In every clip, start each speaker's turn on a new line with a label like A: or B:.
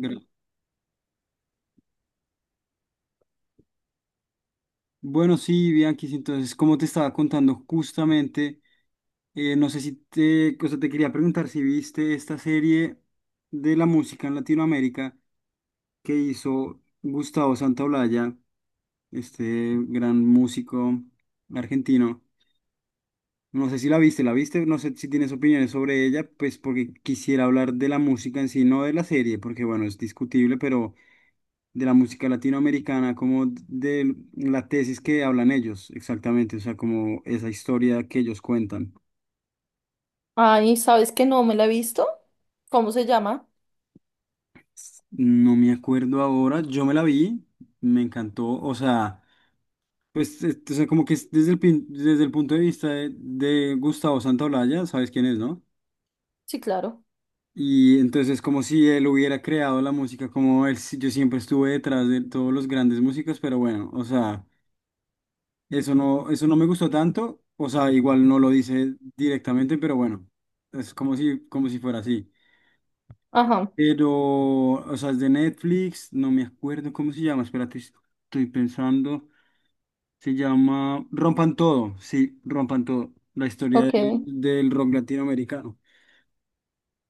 A: Gra- Bueno, sí, Bianquis, entonces, como te estaba contando justamente, no sé si te, o sea, te quería preguntar si viste esta serie de la música en Latinoamérica que hizo Gustavo Santaolalla, este gran músico argentino. No sé si la viste, no sé si tienes opiniones sobre ella, pues porque quisiera hablar de la música en sí, no de la serie, porque bueno, es discutible, pero de la música latinoamericana, como de la tesis que hablan ellos, exactamente, o sea, como esa historia que ellos cuentan.
B: Ay, ¿sabes que no me la he visto? ¿Cómo se llama?
A: No me acuerdo ahora, yo me la vi, me encantó, o sea, pues, o sea, como que es desde el punto de vista de Gustavo Santaolalla, ¿sabes quién es, no?
B: Sí, claro.
A: Y entonces es como si él hubiera creado la música, como él, yo siempre estuve detrás de todos los grandes músicos, pero bueno, o sea, eso no me gustó tanto, o sea, igual no lo dice directamente, pero bueno, es como si fuera así.
B: Ajá,
A: Pero, o sea, es de Netflix, no me acuerdo cómo se llama, espérate, estoy pensando, se llama Rompan Todo, sí, Rompan Todo, la historia
B: ok.
A: del rock latinoamericano.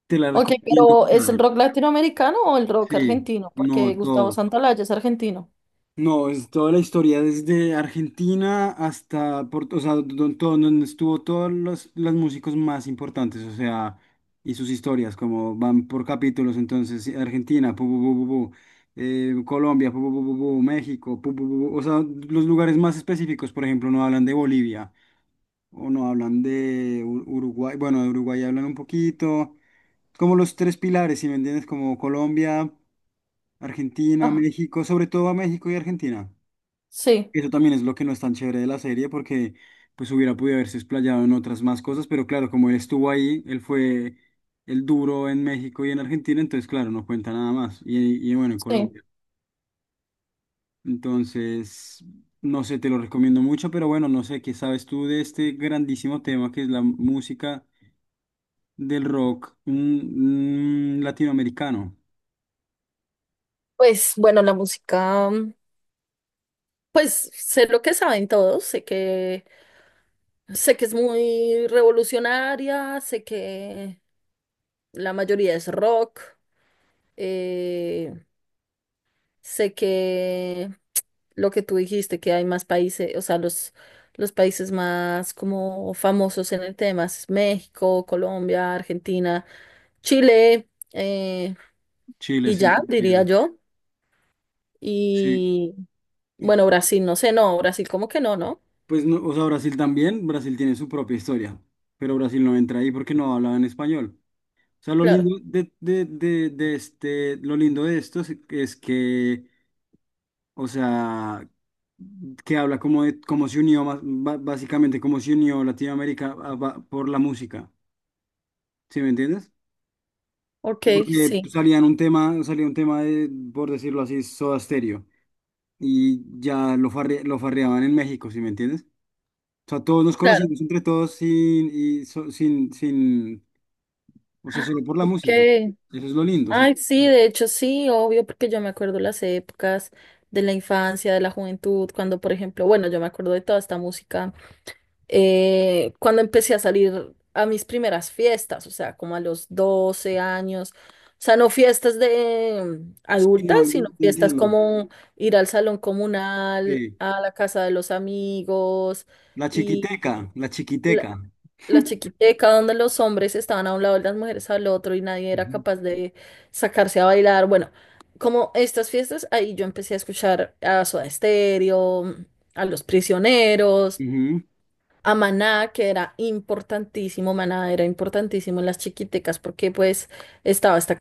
A: Te la
B: Ok,
A: recomiendo
B: pero ¿es el
A: total.
B: rock latinoamericano o el rock
A: Sí,
B: argentino? Porque
A: no,
B: Gustavo
A: todo.
B: Santaolalla es argentino.
A: No, es toda la historia, desde Argentina hasta, o sea, donde estuvo todos los músicos más importantes, o sea, y sus historias, como van por capítulos, entonces, sí, Argentina, pu, pu, pu, pu, pu, Colombia, pu, pu, pu, pu, pu, México, pu, pu, pu, pu, o sea, los lugares más específicos, por ejemplo, no hablan de Bolivia, o no hablan de Uruguay, bueno, de Uruguay hablan un poquito, como los tres pilares, si me entiendes, como Colombia, Argentina,
B: Ah,
A: México, sobre todo a México y Argentina.
B: sí,
A: Eso también es lo que no es tan chévere de la serie, porque pues hubiera podido haberse explayado en otras más cosas, pero claro, como él estuvo ahí, él fue el duro en México y en Argentina, entonces claro, no cuenta nada más. Y bueno, en
B: sí.
A: Colombia. Entonces, no sé, te lo recomiendo mucho, pero bueno, no sé, ¿qué sabes tú de este grandísimo tema que es la música del rock latinoamericano?
B: Pues bueno, la música, pues sé lo que saben todos, sé que es muy revolucionaria, sé que la mayoría es rock. Sé que lo que tú dijiste, que hay más países, o sea, los países más como famosos en el tema es México, Colombia, Argentina, Chile,
A: Chile,
B: y
A: sí,
B: ya,
A: sí.
B: diría yo. Y
A: Sí.
B: bueno, Brasil, no sé, no, Brasil como que no, ¿no?
A: Pues no, o sea, Brasil también, Brasil tiene su propia historia, pero Brasil no entra ahí porque no hablaba en español. O sea, lo
B: Claro.
A: lindo de este, lo lindo de esto es que, o sea, que habla como de, como se unió, básicamente como se unió Latinoamérica por la música, ¿sí me entiendes?
B: Ok,
A: Porque
B: sí,
A: salía un tema de, por decirlo así, Soda Stereo, y ya lo farreaban en México, ¿sí me entiendes? O sea, todos nos
B: claro.
A: conocimos entre todos sin, y so- sin, sin, o sea, solo por la
B: Ok.
A: música. Eso es lo lindo. O sea,
B: Ay, sí, de hecho sí, obvio, porque yo me acuerdo las épocas de la infancia, de la juventud, cuando, por ejemplo, bueno, yo me acuerdo de toda esta música. Cuando empecé a salir a mis primeras fiestas, o sea, como a los 12 años, o sea, no fiestas de
A: sí,
B: adultas,
A: no, yo
B: sino fiestas
A: entiendo.
B: como ir al salón comunal,
A: Sí.
B: a la casa de los amigos
A: La chiquiteca,
B: y
A: la
B: la,
A: chiquiteca.
B: la chiquiteca donde los hombres estaban a un lado y las mujeres al otro y nadie era
A: Ujú,
B: capaz de sacarse a bailar. Bueno, como estas fiestas, ahí yo empecé a escuchar a Soda Stereo, a Los Prisioneros,
A: ujú.
B: a Maná, que era importantísimo. Maná era importantísimo en las chiquitecas, porque pues estaba esta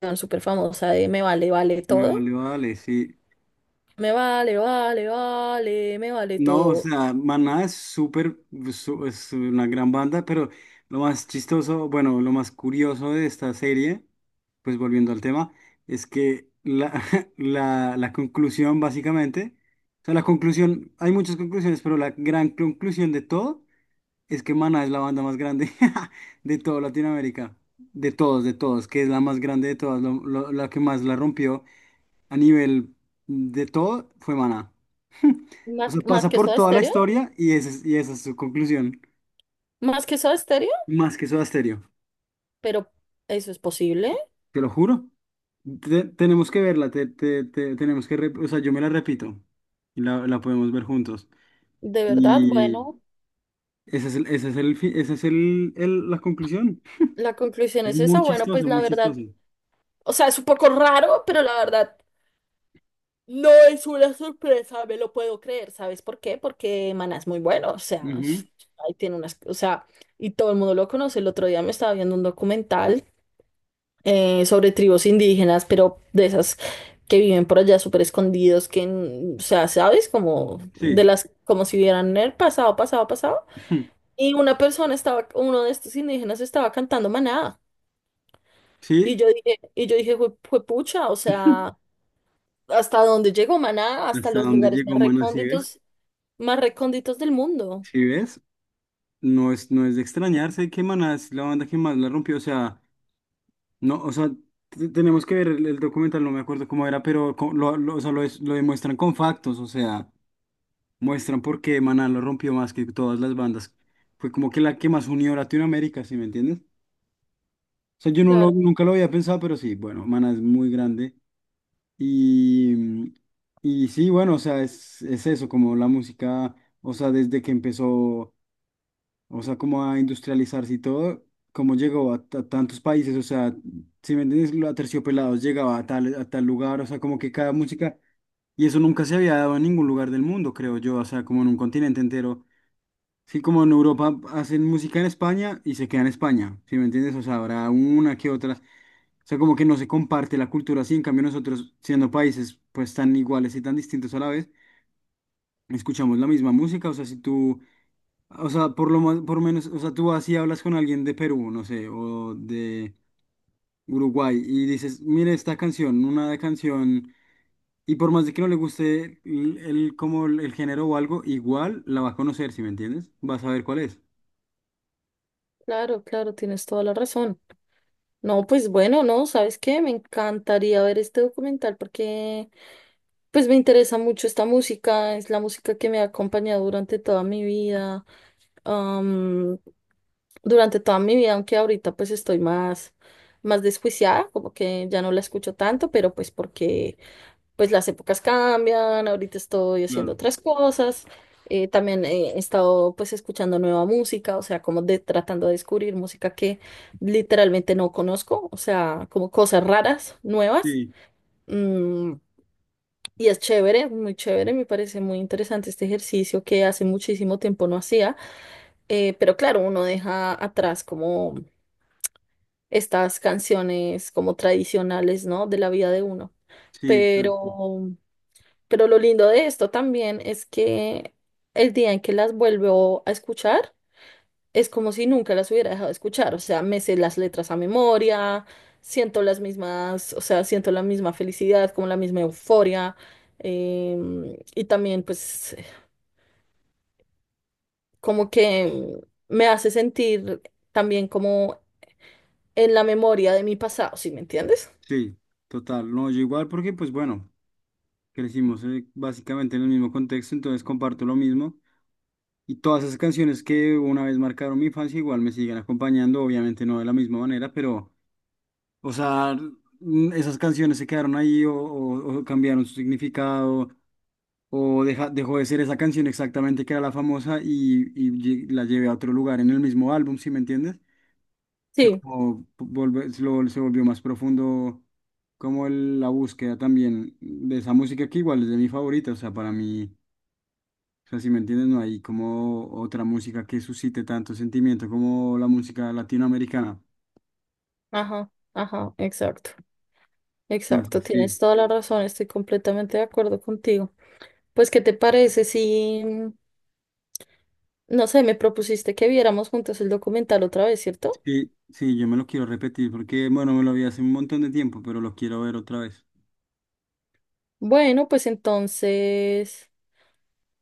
B: canción súper famosa de Me vale, vale
A: Me
B: todo,
A: valió, dale, sí.
B: me vale, vale, vale, me vale
A: No, o
B: todo.
A: sea, Maná es súper, es una gran banda, pero lo más chistoso, bueno, lo más curioso de esta serie, pues volviendo al tema, es que la conclusión básicamente, o sea, la conclusión, hay muchas conclusiones, pero la gran conclusión de todo es que Maná es la banda más grande de toda Latinoamérica, de todos, que es la más grande de todas, la que más la rompió a nivel de todo fue Maná. O
B: Más,
A: sea,
B: más
A: pasa
B: que
A: por
B: Soda
A: toda la
B: Stereo,
A: historia y esa es su conclusión.
B: más que Soda Stereo,
A: Más que Soda Stereo,
B: pero eso es posible,
A: te lo juro. Tenemos que verla, tenemos que, o sea, yo me la repito y la podemos ver juntos.
B: de verdad,
A: Y
B: bueno,
A: ese es el, fi- ese la conclusión.
B: la conclusión
A: Es
B: es
A: muy
B: esa. Bueno, pues
A: chistoso,
B: la
A: muy chistoso.
B: verdad, o sea, es un poco raro, pero la verdad. No es una sorpresa, me lo puedo creer. ¿Sabes por qué? Porque Maná es muy bueno, o sea,
A: Ujú.
B: ahí tiene unas, o sea, y todo el mundo lo conoce. El otro día me estaba viendo un documental sobre tribus indígenas, pero de esas que viven por allá súper escondidos, que, n- o sea, ¿sabes? Como de
A: Sí,
B: las, como si vieran el pasado, pasado, pasado. Y una persona estaba, uno de estos indígenas estaba cantando Maná.
A: sí,
B: Y yo dije, fue pucha, o sea, hasta dónde llegó Maná, hasta
A: hasta
B: los
A: dónde
B: lugares más
A: llegó Maná, si ves,
B: recónditos. Más recónditos del mundo.
A: si ves, no es de extrañarse que Maná es la banda que más la rompió, o sea. No, o sea, tenemos que ver el documental, no me acuerdo cómo era, pero o sea, lo demuestran con factos, o sea, muestran por qué Maná lo rompió más que todas las bandas. Fue como que la que más unió a Latinoamérica, ¿sí me entiendes? O sea, yo no lo,
B: Claro,
A: nunca lo había pensado, pero sí, bueno, Maná es muy grande. Y, y sí, bueno, o sea, es eso, como la música, o sea, desde que empezó. O sea, como a industrializarse y todo, cómo llegó a, tantos países, o sea, si me entiendes, lo Aterciopelados llegaba a tal lugar, o sea, como que cada música, y eso nunca se había dado en ningún lugar del mundo, creo yo, o sea, como en un continente entero. Sí, como en Europa hacen música en España y se queda en España, si me entiendes, o sea, habrá una que otra. O sea, como que no se comparte la cultura así, en cambio nosotros, siendo países pues tan iguales y tan distintos a la vez, escuchamos la misma música, o sea, si tú, o sea, por lo más, por menos, o sea, tú así hablas con alguien de Perú, no sé, o de Uruguay, y dices, mire esta canción, una de canción, y por más de que no le guste como el género o algo, igual la va a conocer, ¿si me entiendes? Va a saber cuál es.
B: claro, claro, tienes toda la razón. No, pues bueno, no, ¿sabes qué? Me encantaría ver este documental porque pues me interesa mucho esta música, es la música que me ha acompañado durante toda mi vida, am, aunque ahorita pues estoy más, más desjuiciada, como que ya no la escucho tanto, pero pues porque pues las épocas cambian. Ahorita estoy haciendo
A: Claro.
B: otras cosas, también he estado pues escuchando nueva música, o sea, como de tratando de descubrir música que literalmente no conozco, o sea, como cosas raras, nuevas,
A: Sí,
B: mm, y es chévere, muy chévere, me parece muy interesante este ejercicio que hace muchísimo tiempo no hacía, pero claro, uno deja atrás como estas canciones como tradicionales, ¿no? De la vida de uno.
A: sí, exacto.
B: Pero Pero lo lindo de esto también es que el día en que las vuelvo a escuchar es como si nunca las hubiera dejado de escuchar. O sea, me sé las letras a memoria, siento las mismas, o sea, siento la misma felicidad, como la misma euforia. Y también pues como que me hace sentir también como en la memoria de mi pasado, ¿sí me entiendes?
A: Sí, total. No, yo igual porque, pues bueno, crecimos básicamente en el mismo contexto, entonces comparto lo mismo. Y todas esas canciones que una vez marcaron mi infancia igual me siguen acompañando, obviamente no de la misma manera, pero, o sea, esas canciones se quedaron ahí o cambiaron su significado o dejó de ser esa canción exactamente que era la famosa y la llevé a otro lugar en el mismo álbum, ¿sí me entiendes? O sea,
B: Sí,
A: como se volvió más profundo como la búsqueda también de esa música que igual es de mi favorita, o sea, para mí. O sea, si me entiendes, no hay como otra música que suscite tanto sentimiento como la música latinoamericana.
B: ajá, ajá, exacto, exacto,
A: Entonces, sí,
B: tienes toda la razón, estoy completamente de acuerdo contigo. Pues, ¿qué te parece si, no sé, me propusiste que viéramos juntos el documental otra vez, ¿cierto?
A: sí, sí, yo me lo quiero repetir porque, bueno, me lo vi hace un montón de tiempo, pero lo quiero ver otra vez.
B: Bueno, pues entonces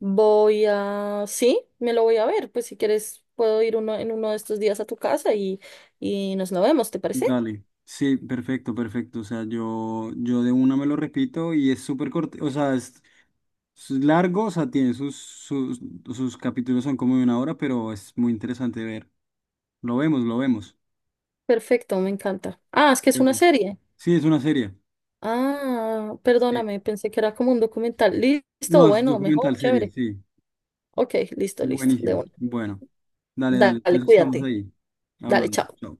B: voy a, sí, me lo voy a ver. Pues si quieres, puedo ir uno, en uno de estos días a tu casa y nos lo vemos, ¿te parece?
A: Dale. Sí, perfecto, perfecto. O sea, yo de una me lo repito y es súper corto, o sea, es largo, o sea, tiene sus capítulos son como de una hora, pero es muy interesante ver. Lo vemos, lo vemos.
B: Perfecto, me encanta. Ah, es que es
A: De
B: una
A: una.
B: serie.
A: Sí, es una serie.
B: Ah,
A: Sí.
B: perdóname, pensé que era como un documental. Listo,
A: No, es
B: bueno, mejor,
A: documental serie,
B: chévere.
A: sí.
B: Ok, listo, listo, de
A: Buenísimo.
B: una.
A: Bueno, dale, dale.
B: Dale,
A: Entonces estamos
B: cuídate.
A: ahí
B: Dale,
A: hablando.
B: chao.
A: Chao.